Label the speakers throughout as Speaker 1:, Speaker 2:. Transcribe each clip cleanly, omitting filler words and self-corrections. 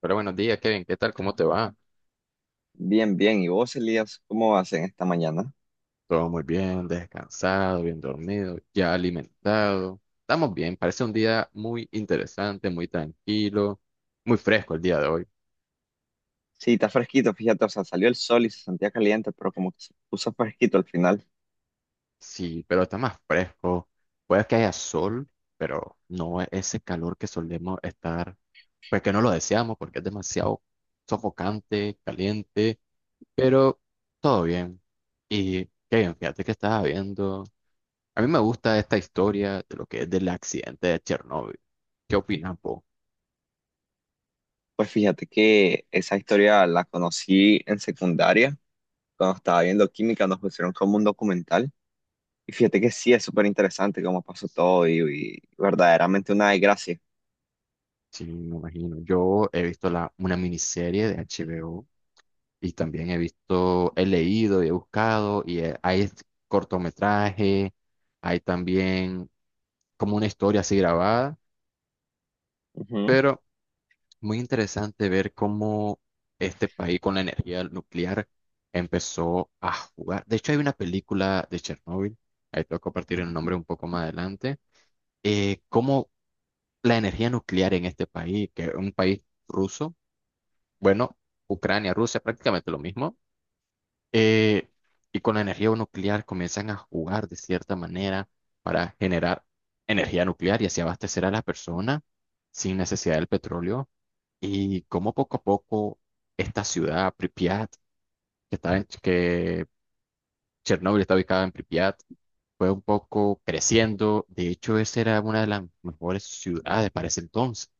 Speaker 1: Pero buenos días, Kevin, ¿qué tal? ¿Cómo te va?
Speaker 2: Bien, bien. ¿Y vos, Elías, cómo vas en esta mañana?
Speaker 1: Todo muy bien, descansado, bien dormido, ya alimentado. Estamos bien, parece un día muy interesante, muy tranquilo, muy fresco el día de hoy.
Speaker 2: Sí, está fresquito, fíjate, o sea, salió el sol y se sentía caliente, pero como que se puso fresquito al final.
Speaker 1: Sí, pero está más fresco. Puede que haya sol, pero no es ese calor que solemos estar, pues que no lo deseamos porque es demasiado sofocante, caliente, pero todo bien. Y Kevin, fíjate que estaba viendo. A mí me gusta esta historia de lo que es del accidente de Chernóbil. ¿Qué opinas vos?
Speaker 2: Pues fíjate que esa historia la conocí en secundaria, cuando estaba viendo química, nos pusieron como un documental. Y fíjate que sí, es súper interesante cómo pasó todo y verdaderamente una desgracia.
Speaker 1: Sí, me imagino. Yo he visto una miniserie de HBO y también he visto, he leído y he buscado y hay este cortometraje, hay también como una historia así grabada,
Speaker 2: Ujú.
Speaker 1: pero muy interesante ver cómo este país con la energía nuclear empezó a jugar. De hecho, hay una película de Chernóbil, ahí tengo que compartir el nombre un poco más adelante, cómo la energía nuclear en este país, que es un país ruso, bueno, Ucrania, Rusia, prácticamente lo mismo, eh, y con la energía nuclear comienzan a jugar de cierta manera para generar energía nuclear y así abastecer a las personas sin necesidad del petróleo, y cómo poco a poco esta ciudad, Pripyat, que Chernóbil está ubicada en Pripyat, fue un poco creciendo. De hecho, esa era una de las mejores ciudades para ese entonces.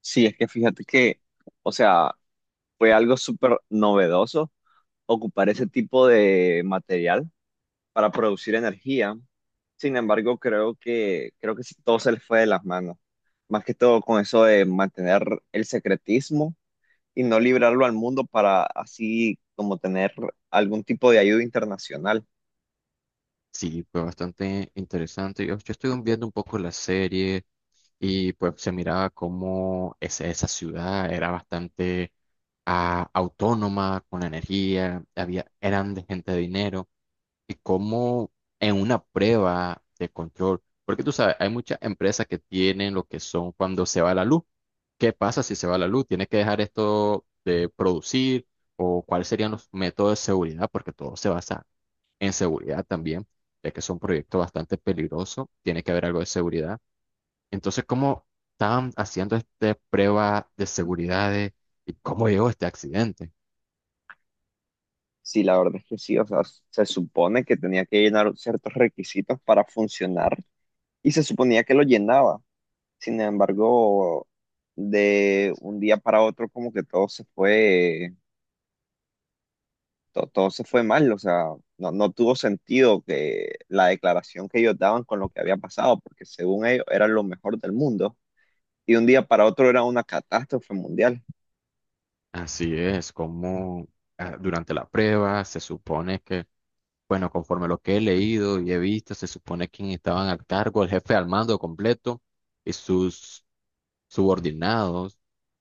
Speaker 2: Sí, es que fíjate que, o sea, fue algo súper novedoso ocupar ese tipo de material para producir energía. Sin embargo, creo que sí, todo se les fue de las manos. Más que todo con eso de mantener el secretismo y no librarlo al mundo para así como tener algún tipo de ayuda internacional.
Speaker 1: Sí, fue bastante interesante. Yo estuve viendo un poco la serie y pues se miraba cómo esa ciudad era bastante autónoma, con energía, había, eran de gente de dinero y cómo en una prueba de control, porque tú sabes, hay muchas empresas que tienen lo que son cuando se va la luz. ¿Qué pasa si se va la luz? ¿Tienes que dejar esto de producir? ¿O cuáles serían los métodos de seguridad? Porque todo se basa en seguridad también, ya que es un proyecto bastante peligroso, tiene que haber algo de seguridad. Entonces, ¿cómo estaban haciendo esta prueba de seguridad de- y cómo llegó este accidente?
Speaker 2: Sí, la verdad es que sí, o sea, se supone que tenía que llenar ciertos requisitos para funcionar y se suponía que lo llenaba. Sin embargo, de un día para otro como que todo se fue todo se fue mal, o sea, no tuvo sentido que la declaración que ellos daban con lo que había pasado, porque según ellos era lo mejor del mundo, y un día para otro era una catástrofe mundial.
Speaker 1: Así es, como durante la prueba se supone que, bueno, conforme lo que he leído y he visto, se supone que estaban al cargo, el jefe al mando completo y sus subordinados,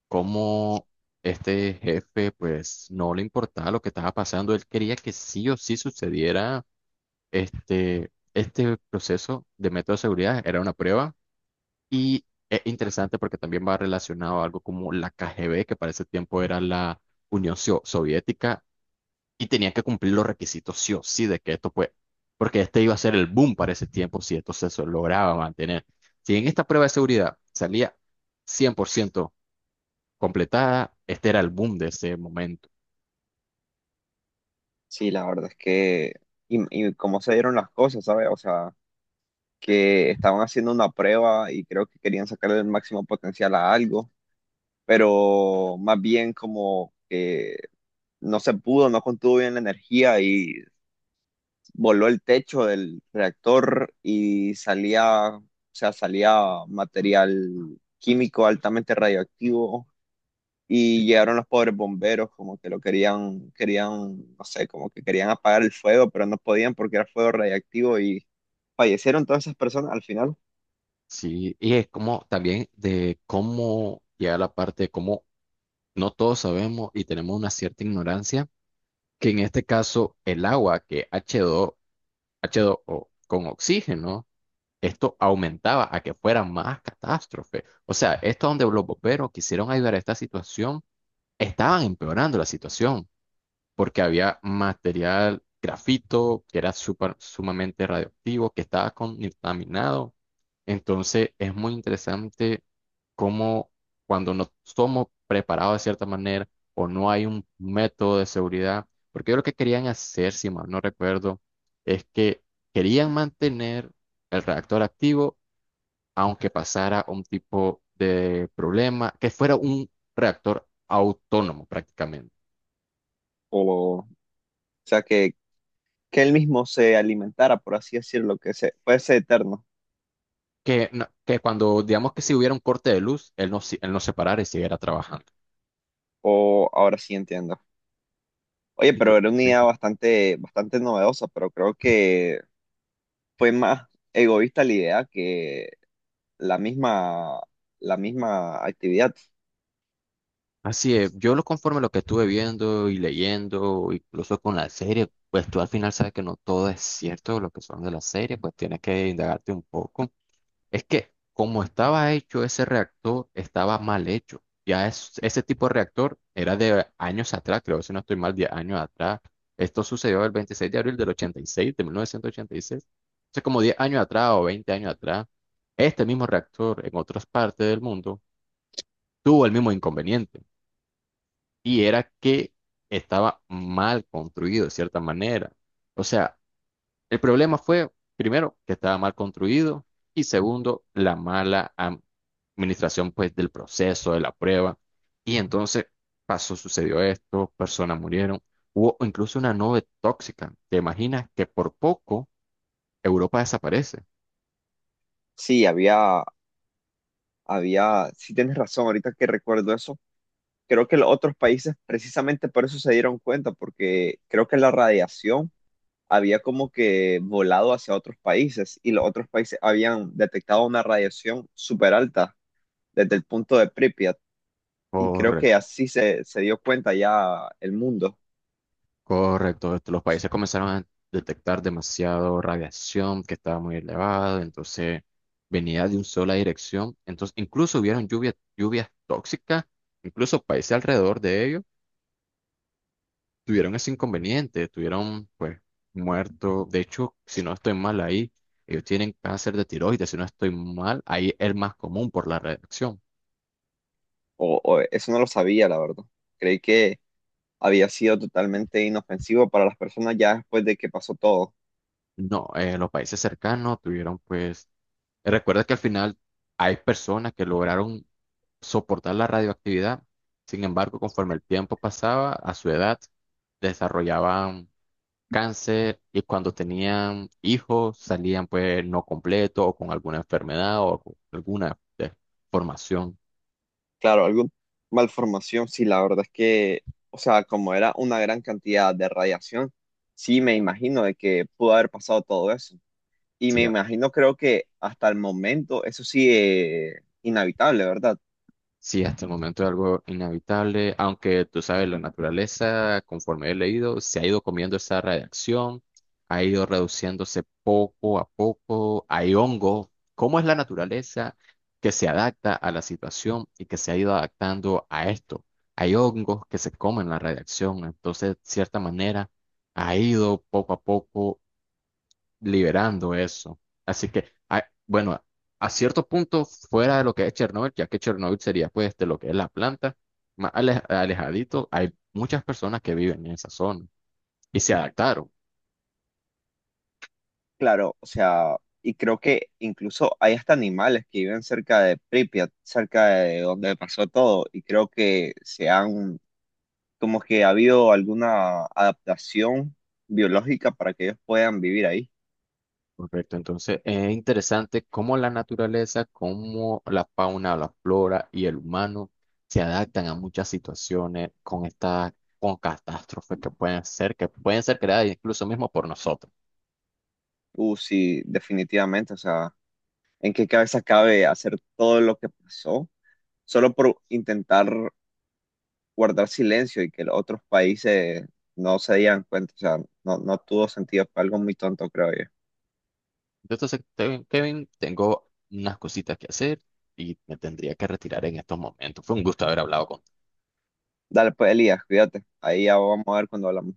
Speaker 1: cómo este jefe pues no le importaba lo que estaba pasando, él quería que sí o sí sucediera este proceso de método de seguridad, era una prueba. Y es interesante porque también va relacionado a algo como la KGB, que para ese tiempo era la Soviética, y tenía que cumplir los requisitos sí o sí de que esto pues, porque este iba a ser el boom para ese tiempo si lograba mantener. Si en esta prueba de seguridad salía 100% completada. Este era el boom de ese momento.
Speaker 2: Sí, la verdad es que, y, y cómo se dieron las cosas, ¿sabes? O sea, que estaban haciendo una prueba y creo que querían sacarle el máximo potencial a algo, pero más bien como que no se pudo, no contuvo bien la energía y voló el techo del reactor y salía, o sea, salía material químico altamente radioactivo
Speaker 1: Sí,
Speaker 2: y llegaron los pobres bomberos como que lo querían, querían, no sé, como que querían apagar el fuego, pero no podían porque era fuego radiactivo y fallecieron todas esas personas al final.
Speaker 1: sí, y es como también de cómo llega la parte de cómo no todos sabemos y tenemos una cierta ignorancia, que en este caso el agua que h dos o con oxígeno, esto aumentaba a que fuera más catástrofe. O sea, esto donde los bomberos quisieron ayudar a esta situación, estaban empeorando la situación, porque había material grafito que era sumamente radioactivo, que estaba contaminado. Entonces es muy interesante cómo cuando no somos preparados de cierta manera o no hay un método de seguridad, porque yo lo que querían hacer, si mal no recuerdo, es que querían mantener el reactor activo aunque pasara un tipo de problema, que fuera un reactor autónomo prácticamente.
Speaker 2: O sea, que él mismo se alimentara, por así decirlo, que se, fuese eterno.
Speaker 1: Que, que cuando, digamos que si hubiera un corte de luz, él no se parara y siguiera trabajando.
Speaker 2: O ahora sí entiendo. Oye, pero era una
Speaker 1: Sí.
Speaker 2: idea bastante novedosa, pero creo que fue más egoísta la idea que la misma, la misma actividad.
Speaker 1: Así es, yo lo conforme a lo que estuve viendo y leyendo, incluso con la serie, pues tú al final sabes que no todo es cierto lo que son de la serie, pues tienes que indagarte un poco. Es que como estaba hecho ese reactor, estaba mal hecho. Ese tipo de reactor era de años atrás, creo, si no estoy mal, 10 años atrás. Esto sucedió el 26 de abril del 86 de 1986. Entonces, como 10 años atrás o 20 años atrás, este mismo reactor en otras partes del mundo tuvo el mismo inconveniente. Y era que estaba mal construido de cierta manera. O sea, el problema fue, primero, que estaba mal construido y segundo, la administración pues del proceso, de la prueba. Y entonces pasó, sucedió esto, personas murieron, hubo incluso una nube tóxica. ¿Te imaginas que por poco Europa desaparece?
Speaker 2: Sí, había, sí tienes razón, ahorita que recuerdo eso, creo que los otros países precisamente por eso se dieron cuenta, porque creo que la radiación había como que volado hacia otros países y los otros países habían detectado una radiación súper alta desde el punto de Pripyat y creo que
Speaker 1: Correcto,
Speaker 2: se dio cuenta ya el mundo.
Speaker 1: correcto. Los países comenzaron a detectar demasiado radiación que estaba muy elevada, entonces venía de una sola dirección. Entonces incluso hubieron lluvias tóxicas, incluso países alrededor de ellos tuvieron ese inconveniente, tuvieron pues muerto. De hecho, si no estoy mal ahí, ellos tienen cáncer de tiroides, si no estoy mal, ahí es el más común por la reacción.
Speaker 2: O eso no lo sabía, la verdad. Creí que había sido totalmente inofensivo para las personas ya después de que pasó todo.
Speaker 1: No, los países cercanos tuvieron pues, recuerda que al final hay personas que lograron soportar la radioactividad, sin embargo, conforme el tiempo pasaba, a su edad desarrollaban cáncer y cuando tenían hijos salían pues no completos o con alguna enfermedad o con alguna deformación.
Speaker 2: Claro, alguna malformación, sí, la verdad es que, o sea, como era una gran cantidad de radiación, sí me imagino de que pudo haber pasado todo eso. Y
Speaker 1: Sí,
Speaker 2: me imagino, creo que hasta el momento eso sí es inhabitable, ¿verdad?
Speaker 1: sí, hasta el momento es algo inevitable, aunque tú sabes, la naturaleza, conforme he leído, se ha ido comiendo esa radiación, ha ido reduciéndose poco a poco, hay hongo. ¿Cómo es la naturaleza que se adapta a la situación y que se ha ido adaptando a esto? Hay hongos que se comen la radiación, entonces, de cierta manera, ha ido poco a poco liberando eso. Así que, bueno, a cierto punto fuera de lo que es Chernobyl, ya que Chernobyl sería pues de lo que es la planta, alejadito, hay muchas personas que viven en esa zona y se adaptaron.
Speaker 2: Claro, o sea, y creo que incluso hay hasta animales que viven cerca de Pripyat, cerca de donde pasó todo, y creo que se han como que ha habido alguna adaptación biológica para que ellos puedan vivir ahí.
Speaker 1: Correcto, entonces es interesante cómo la naturaleza, cómo la fauna, la flora y el humano se adaptan a muchas situaciones con estas, con catástrofes que pueden ser creadas incluso mismo por nosotros.
Speaker 2: Sí, definitivamente. O sea, ¿en qué cabeza cabe hacer todo lo que pasó solo por intentar guardar silencio y que los otros países no se dieran cuenta? O sea, no tuvo sentido. Fue algo muy tonto, creo yo.
Speaker 1: Yo te acepté, Kevin, tengo unas cositas que hacer y me tendría que retirar en estos momentos. Fue un gusto haber hablado contigo.
Speaker 2: Dale, pues, Elías, cuídate. Ahí ya vamos a ver cuando hablamos.